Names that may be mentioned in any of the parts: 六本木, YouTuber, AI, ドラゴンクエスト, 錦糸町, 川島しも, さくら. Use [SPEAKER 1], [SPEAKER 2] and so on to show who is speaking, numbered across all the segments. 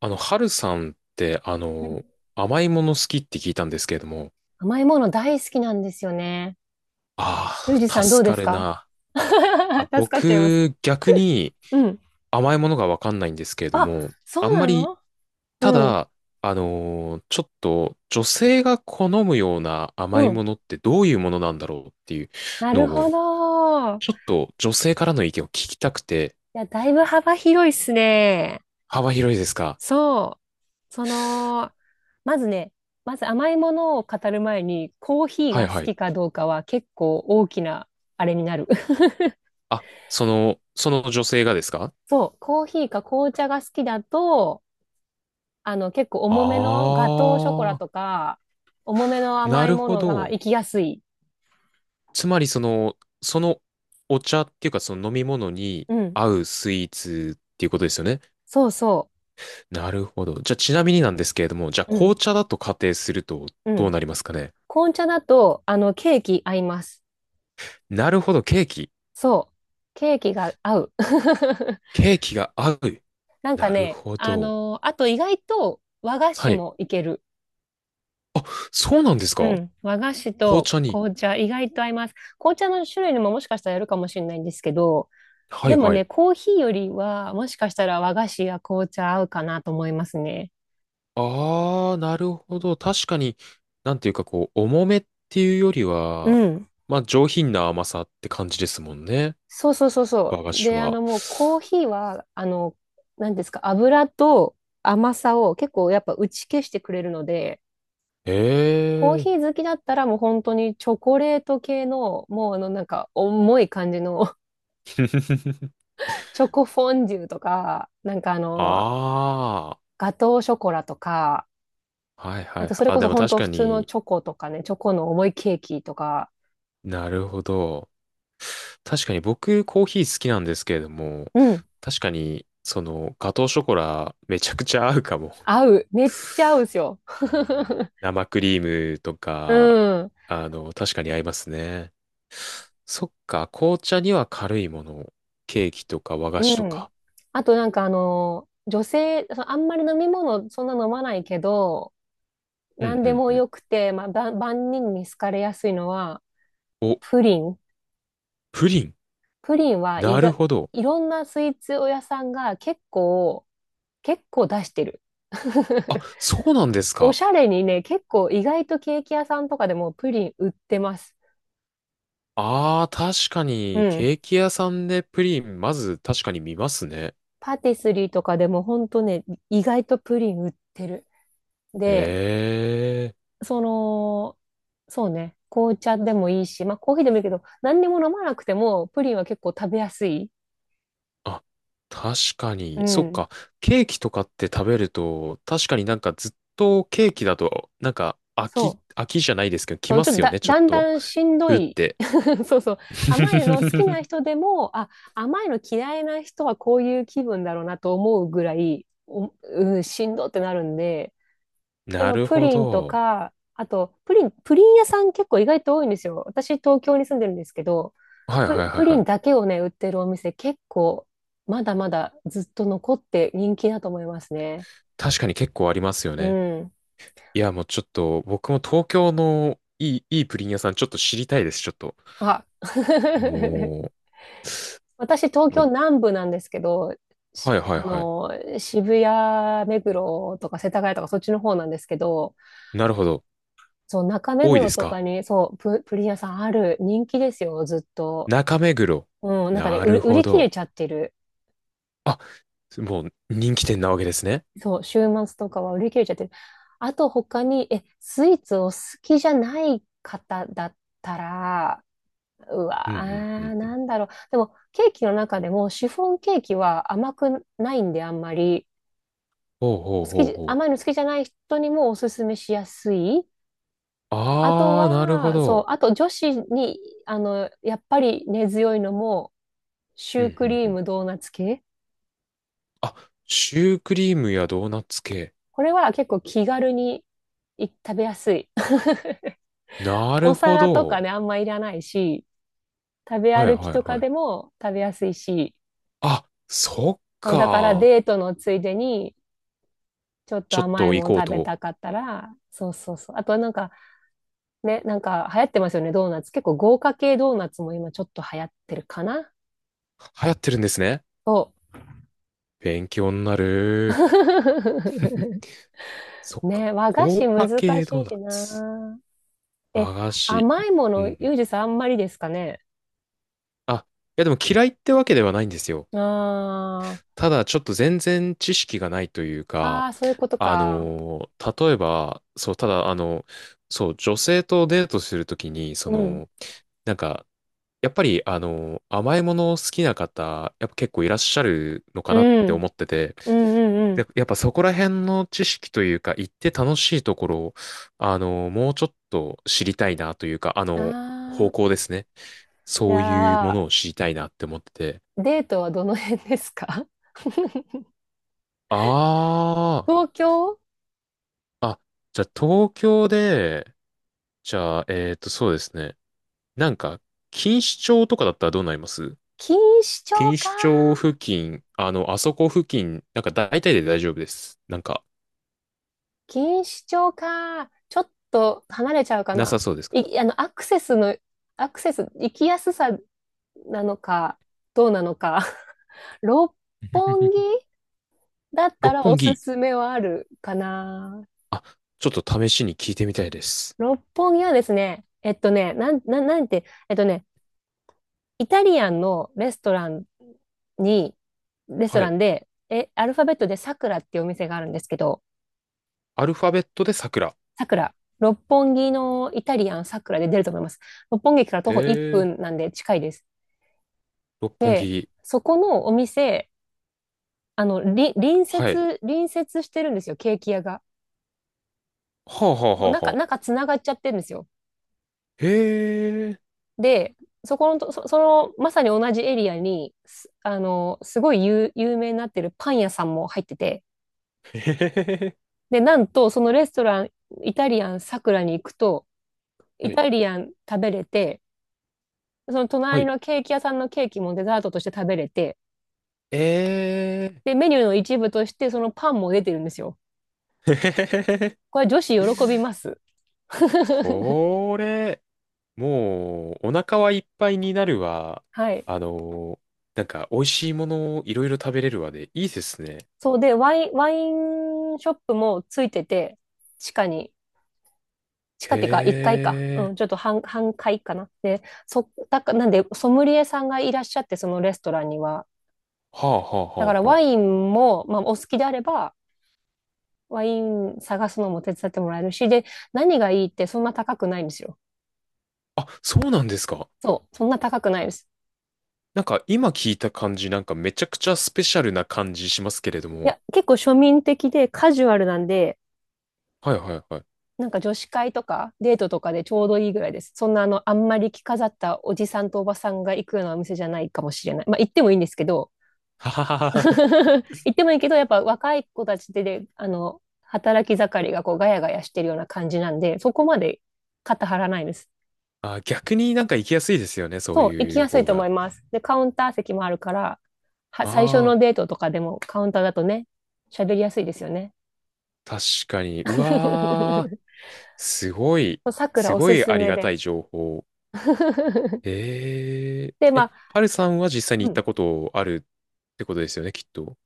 [SPEAKER 1] ハルさんって、
[SPEAKER 2] うん
[SPEAKER 1] 甘いもの好きって聞いたんですけれども、
[SPEAKER 2] 甘いもの大好きなんですよね。ゆ
[SPEAKER 1] あ
[SPEAKER 2] うじ
[SPEAKER 1] あ、
[SPEAKER 2] さんどう
[SPEAKER 1] 助
[SPEAKER 2] で
[SPEAKER 1] か
[SPEAKER 2] す
[SPEAKER 1] る
[SPEAKER 2] か？
[SPEAKER 1] な。あ、
[SPEAKER 2] 助かっちゃいます。
[SPEAKER 1] 僕、逆に
[SPEAKER 2] うん。
[SPEAKER 1] 甘いものがわかんないんですけれど
[SPEAKER 2] あ、
[SPEAKER 1] も、
[SPEAKER 2] そ
[SPEAKER 1] あ
[SPEAKER 2] う
[SPEAKER 1] んま
[SPEAKER 2] な
[SPEAKER 1] り、
[SPEAKER 2] の。う
[SPEAKER 1] た
[SPEAKER 2] ん。
[SPEAKER 1] だ、ちょっと女性が好むような
[SPEAKER 2] う
[SPEAKER 1] 甘い
[SPEAKER 2] ん。
[SPEAKER 1] ものってどういうものなんだろうっていう
[SPEAKER 2] なる
[SPEAKER 1] の
[SPEAKER 2] ほ
[SPEAKER 1] を、
[SPEAKER 2] ど。い
[SPEAKER 1] ちょっと女性からの意見を聞きたくて、
[SPEAKER 2] や、だいぶ幅広いっすね。
[SPEAKER 1] 幅広いですか？
[SPEAKER 2] そう。まずね、まず甘いものを語る前に、コーヒー
[SPEAKER 1] はい
[SPEAKER 2] が好
[SPEAKER 1] はい。
[SPEAKER 2] きかどうかは結構大きなあれになる。
[SPEAKER 1] あ、その女性がですか？
[SPEAKER 2] そう。コーヒーか紅茶が好きだと、結構重めのガトーショコラ
[SPEAKER 1] ああー、
[SPEAKER 2] とか、重めの
[SPEAKER 1] な
[SPEAKER 2] 甘い
[SPEAKER 1] る
[SPEAKER 2] も
[SPEAKER 1] ほ
[SPEAKER 2] のが
[SPEAKER 1] ど。
[SPEAKER 2] 行きやすい。
[SPEAKER 1] つまりその、そのお茶っていうかその飲み物に
[SPEAKER 2] うん。
[SPEAKER 1] 合うスイーツっていうことですよね。
[SPEAKER 2] そうそ
[SPEAKER 1] なるほど。じゃあちなみになんですけれども、じゃあ
[SPEAKER 2] う。う
[SPEAKER 1] 紅
[SPEAKER 2] ん。
[SPEAKER 1] 茶だと仮定すると
[SPEAKER 2] う
[SPEAKER 1] どう
[SPEAKER 2] ん。
[SPEAKER 1] なりますかね。
[SPEAKER 2] 紅茶だと、ケーキ合います。
[SPEAKER 1] なるほど、ケーキ。
[SPEAKER 2] そう。ケーキが合う。
[SPEAKER 1] ケーキが合う。なるほど。
[SPEAKER 2] あと意外と和菓子
[SPEAKER 1] はい。
[SPEAKER 2] もいける。
[SPEAKER 1] あ、そうなんです
[SPEAKER 2] う
[SPEAKER 1] か？
[SPEAKER 2] ん。和菓子
[SPEAKER 1] 紅
[SPEAKER 2] と
[SPEAKER 1] 茶に。
[SPEAKER 2] 紅茶、意外と合います。紅茶の種類にももしかしたらやるかもしれないんですけど、
[SPEAKER 1] は
[SPEAKER 2] で
[SPEAKER 1] い
[SPEAKER 2] も
[SPEAKER 1] は
[SPEAKER 2] ね、
[SPEAKER 1] い。
[SPEAKER 2] コーヒーよりは、もしかしたら和菓子や紅茶合うかなと思いますね。
[SPEAKER 1] あー、なるほど。確かに、なんていうかこう、重めっていうより
[SPEAKER 2] う
[SPEAKER 1] は、
[SPEAKER 2] ん。
[SPEAKER 1] まあ上品な甘さって感じですもんね。
[SPEAKER 2] そうそうそうそ
[SPEAKER 1] 和菓
[SPEAKER 2] う。
[SPEAKER 1] 子
[SPEAKER 2] で、あ
[SPEAKER 1] は。
[SPEAKER 2] のもうコーヒーは、何ですか、油と甘さを結構やっぱ打ち消してくれるので、
[SPEAKER 1] え
[SPEAKER 2] コー
[SPEAKER 1] えー。
[SPEAKER 2] ヒー好きだったらもう本当にチョコレート系の、もうなんか重い感じの チョコフォンデュとか、
[SPEAKER 1] あ
[SPEAKER 2] ガトーショコラとか、
[SPEAKER 1] あ、はいは
[SPEAKER 2] あ
[SPEAKER 1] いは
[SPEAKER 2] と
[SPEAKER 1] い。
[SPEAKER 2] それ
[SPEAKER 1] あ、
[SPEAKER 2] こそ
[SPEAKER 1] でも
[SPEAKER 2] 本
[SPEAKER 1] 確
[SPEAKER 2] 当
[SPEAKER 1] か
[SPEAKER 2] 普通の
[SPEAKER 1] に、
[SPEAKER 2] チョコとかね、チョコの重いケーキとか、
[SPEAKER 1] なるほど。確かに僕コーヒー好きなんですけれども、
[SPEAKER 2] うん、
[SPEAKER 1] 確かにそのガトーショコラめちゃくちゃ合うかも。
[SPEAKER 2] 合う。めっちゃ合うんですよ。
[SPEAKER 1] うん、生クリームと
[SPEAKER 2] う
[SPEAKER 1] か、
[SPEAKER 2] ん。
[SPEAKER 1] 確かに合いますね。そっか、紅茶には軽いもの。ケーキとか和菓
[SPEAKER 2] う
[SPEAKER 1] 子と
[SPEAKER 2] ん。
[SPEAKER 1] か。
[SPEAKER 2] あと女性、そのあんまり飲み物そんな飲まないけど、
[SPEAKER 1] うん
[SPEAKER 2] 何
[SPEAKER 1] う
[SPEAKER 2] で
[SPEAKER 1] ん
[SPEAKER 2] も
[SPEAKER 1] うん。
[SPEAKER 2] よくて、まあ、万万人に好かれやすいのは、
[SPEAKER 1] お、
[SPEAKER 2] プリン。
[SPEAKER 1] プリン。
[SPEAKER 2] プリンは意
[SPEAKER 1] なる
[SPEAKER 2] 外、
[SPEAKER 1] ほど。
[SPEAKER 2] いろんなスイーツ屋さんが結構出してる。
[SPEAKER 1] あ、そうなんです
[SPEAKER 2] お
[SPEAKER 1] か。
[SPEAKER 2] しゃれにね、結構意外とケーキ屋さんとかでもプリン売ってます。
[SPEAKER 1] ああ、確か
[SPEAKER 2] う
[SPEAKER 1] に、
[SPEAKER 2] ん。
[SPEAKER 1] ケーキ屋さんでプリン、まず確かに見ますね。
[SPEAKER 2] パティスリーとかでもほんとね、意外とプリン売ってる。で、
[SPEAKER 1] ええ。
[SPEAKER 2] その、そうね、紅茶でもいいし、まあコーヒーでもいいけど、何にも飲まなくてもプリンは結構食べやすい。
[SPEAKER 1] あ、確か
[SPEAKER 2] う
[SPEAKER 1] に。そっ
[SPEAKER 2] ん。
[SPEAKER 1] か。ケーキとかって食べると、確かになんかずっとケーキだと、なんか飽
[SPEAKER 2] そ
[SPEAKER 1] き、
[SPEAKER 2] う。
[SPEAKER 1] 飽きじゃないですけど、来
[SPEAKER 2] そう、
[SPEAKER 1] ま
[SPEAKER 2] ちょっと
[SPEAKER 1] すよ
[SPEAKER 2] だ、
[SPEAKER 1] ね、ちょ
[SPEAKER 2] だ
[SPEAKER 1] っ
[SPEAKER 2] んだ
[SPEAKER 1] と。
[SPEAKER 2] んしんど
[SPEAKER 1] うっ
[SPEAKER 2] い。
[SPEAKER 1] て。
[SPEAKER 2] そうそう。甘いの好きな 人でも、あ、甘いの嫌いな人はこういう気分だろうなと思うぐらい、お、うん、しんどってなるんで、で
[SPEAKER 1] な
[SPEAKER 2] も
[SPEAKER 1] る
[SPEAKER 2] プ
[SPEAKER 1] ほ
[SPEAKER 2] リンと
[SPEAKER 1] ど。
[SPEAKER 2] か、あと、プリン、プリン屋さん結構意外と多いんですよ。私、東京に住んでるんですけど、
[SPEAKER 1] はいはいは
[SPEAKER 2] プ
[SPEAKER 1] い
[SPEAKER 2] リ
[SPEAKER 1] は
[SPEAKER 2] ンだ
[SPEAKER 1] い。
[SPEAKER 2] けをね、売ってるお店結構、まだまだずっと残って人気だと思いますね。
[SPEAKER 1] 確かに結構ありますよ
[SPEAKER 2] う
[SPEAKER 1] ね。
[SPEAKER 2] ん。
[SPEAKER 1] いや、もうちょっと、僕も東京のいいプリン屋さんちょっと知りたいです、ちょっと。
[SPEAKER 2] あ、
[SPEAKER 1] も
[SPEAKER 2] 私、東
[SPEAKER 1] う、も
[SPEAKER 2] 京
[SPEAKER 1] う
[SPEAKER 2] 南部なんですけど、し
[SPEAKER 1] はいはい
[SPEAKER 2] あ
[SPEAKER 1] はい。
[SPEAKER 2] の、渋谷、目黒とか世田谷とかそっちの方なんですけど、
[SPEAKER 1] なるほど。
[SPEAKER 2] そう、中目
[SPEAKER 1] 多いで
[SPEAKER 2] 黒
[SPEAKER 1] す
[SPEAKER 2] とか
[SPEAKER 1] か？
[SPEAKER 2] に、そう、プリン屋さんある人気ですよ、ずっと。
[SPEAKER 1] 中目黒。
[SPEAKER 2] うん、なんかね、
[SPEAKER 1] なる
[SPEAKER 2] 売
[SPEAKER 1] ほ
[SPEAKER 2] り切れ
[SPEAKER 1] ど。
[SPEAKER 2] ちゃってる。
[SPEAKER 1] あ、もう人気店なわけですね。
[SPEAKER 2] そう、週末とかは売り切れちゃってる。あと他に、え、スイーツを好きじゃない方だったら、う
[SPEAKER 1] うん
[SPEAKER 2] わー、
[SPEAKER 1] うんうん。
[SPEAKER 2] なんだろう。でも、ケーキの中でも、シフォンケーキは甘くないんで、あんまり。
[SPEAKER 1] ほうほう
[SPEAKER 2] 好き
[SPEAKER 1] ほう
[SPEAKER 2] じ、
[SPEAKER 1] ほう。
[SPEAKER 2] 甘いの好きじゃない人にもおすすめしやすい。あと
[SPEAKER 1] あー、なるほ
[SPEAKER 2] は、そう、
[SPEAKER 1] ど。
[SPEAKER 2] あと女子に、やっぱり根強いのも、シ
[SPEAKER 1] うん
[SPEAKER 2] ューク
[SPEAKER 1] う
[SPEAKER 2] リ
[SPEAKER 1] んう
[SPEAKER 2] ー
[SPEAKER 1] ん。
[SPEAKER 2] ムドーナツ系。
[SPEAKER 1] あ、シュークリームやドーナツ系。
[SPEAKER 2] これは結構気軽に食べやすい。
[SPEAKER 1] な
[SPEAKER 2] お
[SPEAKER 1] るほ
[SPEAKER 2] 皿とか
[SPEAKER 1] ど。
[SPEAKER 2] ね、あんまいらないし、食べ
[SPEAKER 1] はい
[SPEAKER 2] 歩き
[SPEAKER 1] はい
[SPEAKER 2] とか
[SPEAKER 1] はい。
[SPEAKER 2] でも食べやすいし、
[SPEAKER 1] あ、そっ
[SPEAKER 2] だから
[SPEAKER 1] か。
[SPEAKER 2] デートのついでに、ちょっと
[SPEAKER 1] ちょっ
[SPEAKER 2] 甘い
[SPEAKER 1] と行
[SPEAKER 2] もの
[SPEAKER 1] こう
[SPEAKER 2] 食べ
[SPEAKER 1] と。
[SPEAKER 2] たかったら、そうそうそう。あとなんかね、なんか流行ってますよね、ドーナツ。結構豪華系ドーナツも今ちょっと流行ってるかな。
[SPEAKER 1] 流行ってるんですね。
[SPEAKER 2] そ
[SPEAKER 1] 勉強になる。
[SPEAKER 2] う。
[SPEAKER 1] そっか。
[SPEAKER 2] ね、和菓子
[SPEAKER 1] 高価
[SPEAKER 2] 難
[SPEAKER 1] 系ド
[SPEAKER 2] し
[SPEAKER 1] ー
[SPEAKER 2] いし
[SPEAKER 1] ナツ。
[SPEAKER 2] な。え、
[SPEAKER 1] 和菓子。
[SPEAKER 2] 甘いも
[SPEAKER 1] うん
[SPEAKER 2] の、ユ
[SPEAKER 1] うん。
[SPEAKER 2] ージさんあんまりですかね。
[SPEAKER 1] あ、いやでも嫌いってわけではないんですよ。
[SPEAKER 2] あー
[SPEAKER 1] ただちょっと全然知識がないという
[SPEAKER 2] あ
[SPEAKER 1] か、
[SPEAKER 2] ー、そういうこと
[SPEAKER 1] あ
[SPEAKER 2] か。
[SPEAKER 1] の例えば、そう、ただ、そう、女性とデートするときに、
[SPEAKER 2] うん。
[SPEAKER 1] なんか、やっぱり、甘いもの好きな方、やっぱ結構いらっしゃるのか
[SPEAKER 2] う
[SPEAKER 1] なって
[SPEAKER 2] ん。
[SPEAKER 1] 思ってて、
[SPEAKER 2] うんうんうん。
[SPEAKER 1] で、やっぱそこら辺の知識というか、行って楽しいところを、もうちょっと知りたいなというか、
[SPEAKER 2] あ
[SPEAKER 1] 方向
[SPEAKER 2] あ、
[SPEAKER 1] ですね。
[SPEAKER 2] じ
[SPEAKER 1] そういうも
[SPEAKER 2] ゃあ、
[SPEAKER 1] のを知りたいなって思ってて、
[SPEAKER 2] デートはどの辺ですか？
[SPEAKER 1] ああ、
[SPEAKER 2] 東京
[SPEAKER 1] あ、じゃあ東京で、じゃあ、そうですね。なんか、錦糸町とかだったらどうなります？
[SPEAKER 2] 錦糸町
[SPEAKER 1] 錦
[SPEAKER 2] か。
[SPEAKER 1] 糸町付近、あそこ付近、なんか大体で大丈夫です。なんか、
[SPEAKER 2] 錦糸町か。ちょっと離れちゃうか
[SPEAKER 1] なさ
[SPEAKER 2] な。
[SPEAKER 1] そうですか？
[SPEAKER 2] い、あの、アクセスの、アクセス、行きやすさなのか、どうなのか。六本木 だっ
[SPEAKER 1] 六
[SPEAKER 2] たらお
[SPEAKER 1] 本
[SPEAKER 2] す
[SPEAKER 1] 木。
[SPEAKER 2] すめはあるかな。
[SPEAKER 1] あ、ちょっと試しに聞いてみたいです。
[SPEAKER 2] 六本木はですね、えっとね、なん、なん、なんて、えっとね、イタリアンのレストランに、レスト
[SPEAKER 1] は
[SPEAKER 2] ラ
[SPEAKER 1] い。
[SPEAKER 2] ンで、え、アルファベットでさくらっていうお店があるんですけど、
[SPEAKER 1] アルファベットで桜。
[SPEAKER 2] さくら、六本木のイタリアンさくらで出ると思います。六本木駅から徒歩1
[SPEAKER 1] へえ、
[SPEAKER 2] 分なんで近いです。
[SPEAKER 1] 六本
[SPEAKER 2] で、
[SPEAKER 1] 木。
[SPEAKER 2] そこのお店、あの、り隣
[SPEAKER 1] はい。
[SPEAKER 2] 接、隣接してるんですよ、ケーキ屋が。
[SPEAKER 1] はあはあ
[SPEAKER 2] もう
[SPEAKER 1] はあはあ。
[SPEAKER 2] 中つながっちゃってるんですよ。
[SPEAKER 1] へえ、
[SPEAKER 2] で、そこのと、そ、その、まさに同じエリアに、すあの、すごい有名になってるパン屋さんも入ってて、
[SPEAKER 1] へへへへ。
[SPEAKER 2] で、なんと、そのレストラン、イタリアンさくらに行くと、イ
[SPEAKER 1] はい。
[SPEAKER 2] タリアン食べれて、その
[SPEAKER 1] は
[SPEAKER 2] 隣
[SPEAKER 1] い。
[SPEAKER 2] のケーキ屋さんのケーキもデザートとして食べれて、
[SPEAKER 1] え
[SPEAKER 2] で、メニューの一部としてそのパンも出てるんですよ。
[SPEAKER 1] え、へへへへへ。
[SPEAKER 2] これ女子喜びます。
[SPEAKER 1] これ、もう、お腹はいっぱいになるわ。
[SPEAKER 2] はい。
[SPEAKER 1] あのなんか、美味しいものをいろいろ食べれるわで、いいですね。
[SPEAKER 2] そうで、ワインショップもついてて、地下に、地
[SPEAKER 1] へ
[SPEAKER 2] 下っていうか1階かいか。う
[SPEAKER 1] え。
[SPEAKER 2] ん、ちょっと半階かな。で、そ、だか、なんで、ソムリエさんがいらっしゃって、そのレストランには。
[SPEAKER 1] はあはあは
[SPEAKER 2] だから
[SPEAKER 1] あ
[SPEAKER 2] ワ
[SPEAKER 1] は
[SPEAKER 2] インも、まあ、お好きであれば、ワイン探すのも手伝ってもらえるし、で、何がいいってそんな高くないんですよ。
[SPEAKER 1] あ。あ、そうなんですか。
[SPEAKER 2] そう、そんな高くないです。
[SPEAKER 1] なんか、今聞いた感じ、なんかめちゃくちゃスペシャルな感じしますけれど
[SPEAKER 2] い
[SPEAKER 1] も。
[SPEAKER 2] や、結構庶民的でカジュアルなんで、
[SPEAKER 1] はいはいはい。
[SPEAKER 2] なんか女子会とかデートとかでちょうどいいぐらいです。そんなあの、あんまり着飾ったおじさんとおばさんが行くようなお店じゃないかもしれない。まあ行ってもいいんですけど、
[SPEAKER 1] はははは。
[SPEAKER 2] 行ってもいいけど、やっぱ若い子たちで、働き盛りがこうガヤガヤしてるような感じなんで、そこまで肩張らないです。
[SPEAKER 1] あ、逆になんか行きやすいですよね、そう
[SPEAKER 2] そう、行き
[SPEAKER 1] いう
[SPEAKER 2] やすい
[SPEAKER 1] 方
[SPEAKER 2] と思い
[SPEAKER 1] が。
[SPEAKER 2] ます。で、カウンター席もあるから、最初
[SPEAKER 1] ああ、
[SPEAKER 2] のデートとかでもカウンターだとね、喋りやすいですよね。
[SPEAKER 1] 確かに。うわ ー、すごい、
[SPEAKER 2] そうさくら
[SPEAKER 1] す
[SPEAKER 2] お
[SPEAKER 1] ご
[SPEAKER 2] す
[SPEAKER 1] い
[SPEAKER 2] す
[SPEAKER 1] あり
[SPEAKER 2] め
[SPEAKER 1] がた
[SPEAKER 2] で
[SPEAKER 1] い
[SPEAKER 2] す。
[SPEAKER 1] 情報。え
[SPEAKER 2] で、
[SPEAKER 1] え
[SPEAKER 2] ま
[SPEAKER 1] え、
[SPEAKER 2] あ、
[SPEAKER 1] ハルさんは実際に
[SPEAKER 2] う
[SPEAKER 1] 行った
[SPEAKER 2] ん、
[SPEAKER 1] ことあるってことですよね、きっと。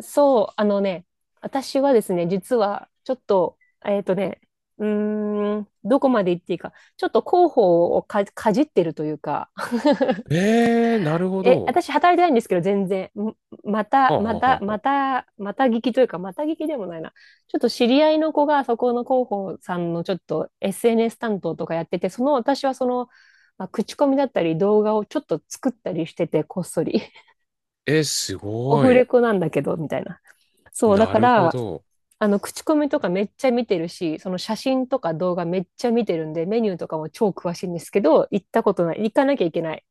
[SPEAKER 2] そう、あのね、私はですね、実は、ちょっと、えっとね、うーん、どこまで行っていいか、ちょっと広報をかじってるというか、
[SPEAKER 1] ええ、なるほ
[SPEAKER 2] え、
[SPEAKER 1] ど。
[SPEAKER 2] 私働いてないんですけど、全然。また、
[SPEAKER 1] はあ、は
[SPEAKER 2] ま
[SPEAKER 1] あ
[SPEAKER 2] た、
[SPEAKER 1] はあ
[SPEAKER 2] ま
[SPEAKER 1] はあ、
[SPEAKER 2] た、また聞きというか、また聞きでもないな。ちょっと知り合いの子が、そこの広報さんのちょっと SNS 担当とかやってて、その私はその、まあ、口コミだったり動画をちょっと作ったりしてて、こっそり。
[SPEAKER 1] えす
[SPEAKER 2] オ
[SPEAKER 1] ご
[SPEAKER 2] フ
[SPEAKER 1] い。
[SPEAKER 2] レコなんだけど、みたいな。そう、だ
[SPEAKER 1] な
[SPEAKER 2] か
[SPEAKER 1] るほ
[SPEAKER 2] ら、
[SPEAKER 1] ど。
[SPEAKER 2] 口コミとかめっちゃ見てるし、その写真とか動画めっちゃ見てるんで、メニューとかも超詳しいんですけど、行ったことない。行かなきゃいけない。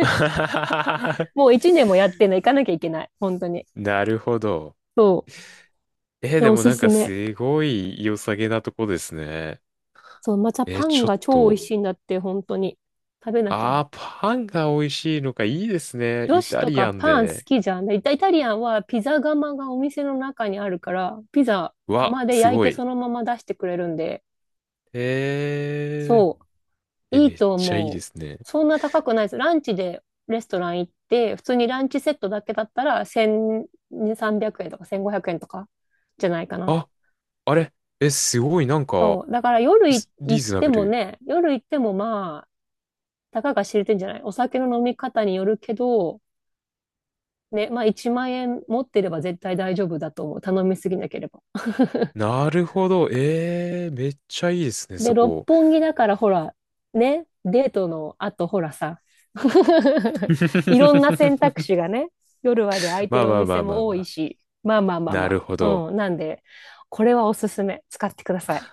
[SPEAKER 2] もう一年もやってんの行かなきゃいけない。本当に。
[SPEAKER 1] なるほど。
[SPEAKER 2] そう。
[SPEAKER 1] え、
[SPEAKER 2] で、
[SPEAKER 1] で
[SPEAKER 2] お
[SPEAKER 1] も
[SPEAKER 2] す
[SPEAKER 1] なん
[SPEAKER 2] す
[SPEAKER 1] か
[SPEAKER 2] め。
[SPEAKER 1] すごい良さげなとこですね。
[SPEAKER 2] そう、また
[SPEAKER 1] え
[SPEAKER 2] パン
[SPEAKER 1] ちょっ
[SPEAKER 2] が超美
[SPEAKER 1] と。
[SPEAKER 2] 味しいんだって、本当に。食べなきゃ。
[SPEAKER 1] ああ、パンが美味しいのか、いいですね。
[SPEAKER 2] 女
[SPEAKER 1] イ
[SPEAKER 2] 子
[SPEAKER 1] タ
[SPEAKER 2] と
[SPEAKER 1] リ
[SPEAKER 2] か
[SPEAKER 1] アン
[SPEAKER 2] パン好
[SPEAKER 1] で。
[SPEAKER 2] きじゃん。でイタリアンはピザ窯がお店の中にあるから、ピザ
[SPEAKER 1] うわ、
[SPEAKER 2] 窯で
[SPEAKER 1] す
[SPEAKER 2] 焼い
[SPEAKER 1] ご
[SPEAKER 2] てそ
[SPEAKER 1] い。
[SPEAKER 2] のまま出してくれるんで、
[SPEAKER 1] え
[SPEAKER 2] そう、い
[SPEAKER 1] め
[SPEAKER 2] い
[SPEAKER 1] っ
[SPEAKER 2] と
[SPEAKER 1] ちゃいい
[SPEAKER 2] 思
[SPEAKER 1] で
[SPEAKER 2] う。
[SPEAKER 1] すね。
[SPEAKER 2] そんな高くないです。ランチでレストラン行って、普通にランチセットだけだったら1300円とか1500円とかじゃないかな。
[SPEAKER 1] あ、あれえ、すごい、なんか、
[SPEAKER 2] そう、だから夜
[SPEAKER 1] スリー
[SPEAKER 2] 行っ
[SPEAKER 1] ズナ
[SPEAKER 2] て
[SPEAKER 1] ブ
[SPEAKER 2] も
[SPEAKER 1] ル。
[SPEAKER 2] ね、夜行ってもまあ、たかが知れてんじゃないお酒の飲み方によるけど、ね、まあ1万円持ってれば絶対大丈夫だと思う。頼みすぎなければ。
[SPEAKER 1] なるほど。ええー、めっちゃいいですね、
[SPEAKER 2] で、
[SPEAKER 1] そ
[SPEAKER 2] 六
[SPEAKER 1] こ。
[SPEAKER 2] 本木だからほら、ね、デートの後ほらさ、いろんな選択肢 がね、夜まで空いて
[SPEAKER 1] まあ
[SPEAKER 2] るお
[SPEAKER 1] まあま
[SPEAKER 2] 店
[SPEAKER 1] あまあ
[SPEAKER 2] も多
[SPEAKER 1] ま
[SPEAKER 2] い
[SPEAKER 1] あ。
[SPEAKER 2] し、まあまあまあ
[SPEAKER 1] な
[SPEAKER 2] ま
[SPEAKER 1] る
[SPEAKER 2] あ。
[SPEAKER 1] ほど。
[SPEAKER 2] うん、なんで、これはおすすめ。使ってください。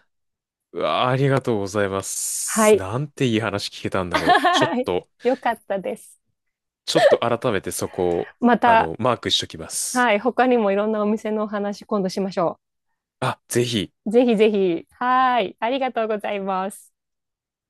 [SPEAKER 1] うわあ、ありがとうございま
[SPEAKER 2] は
[SPEAKER 1] す。
[SPEAKER 2] い。
[SPEAKER 1] なんていい話聞けたんだろう。ちょっ と、
[SPEAKER 2] よかったです。
[SPEAKER 1] ちょっと改めてそこを、
[SPEAKER 2] また、
[SPEAKER 1] マークしときます。
[SPEAKER 2] はい、他にもいろんなお店のお話今度しましょう。
[SPEAKER 1] あ、ぜひ。
[SPEAKER 2] ぜひぜひ。はーい。ありがとうございます。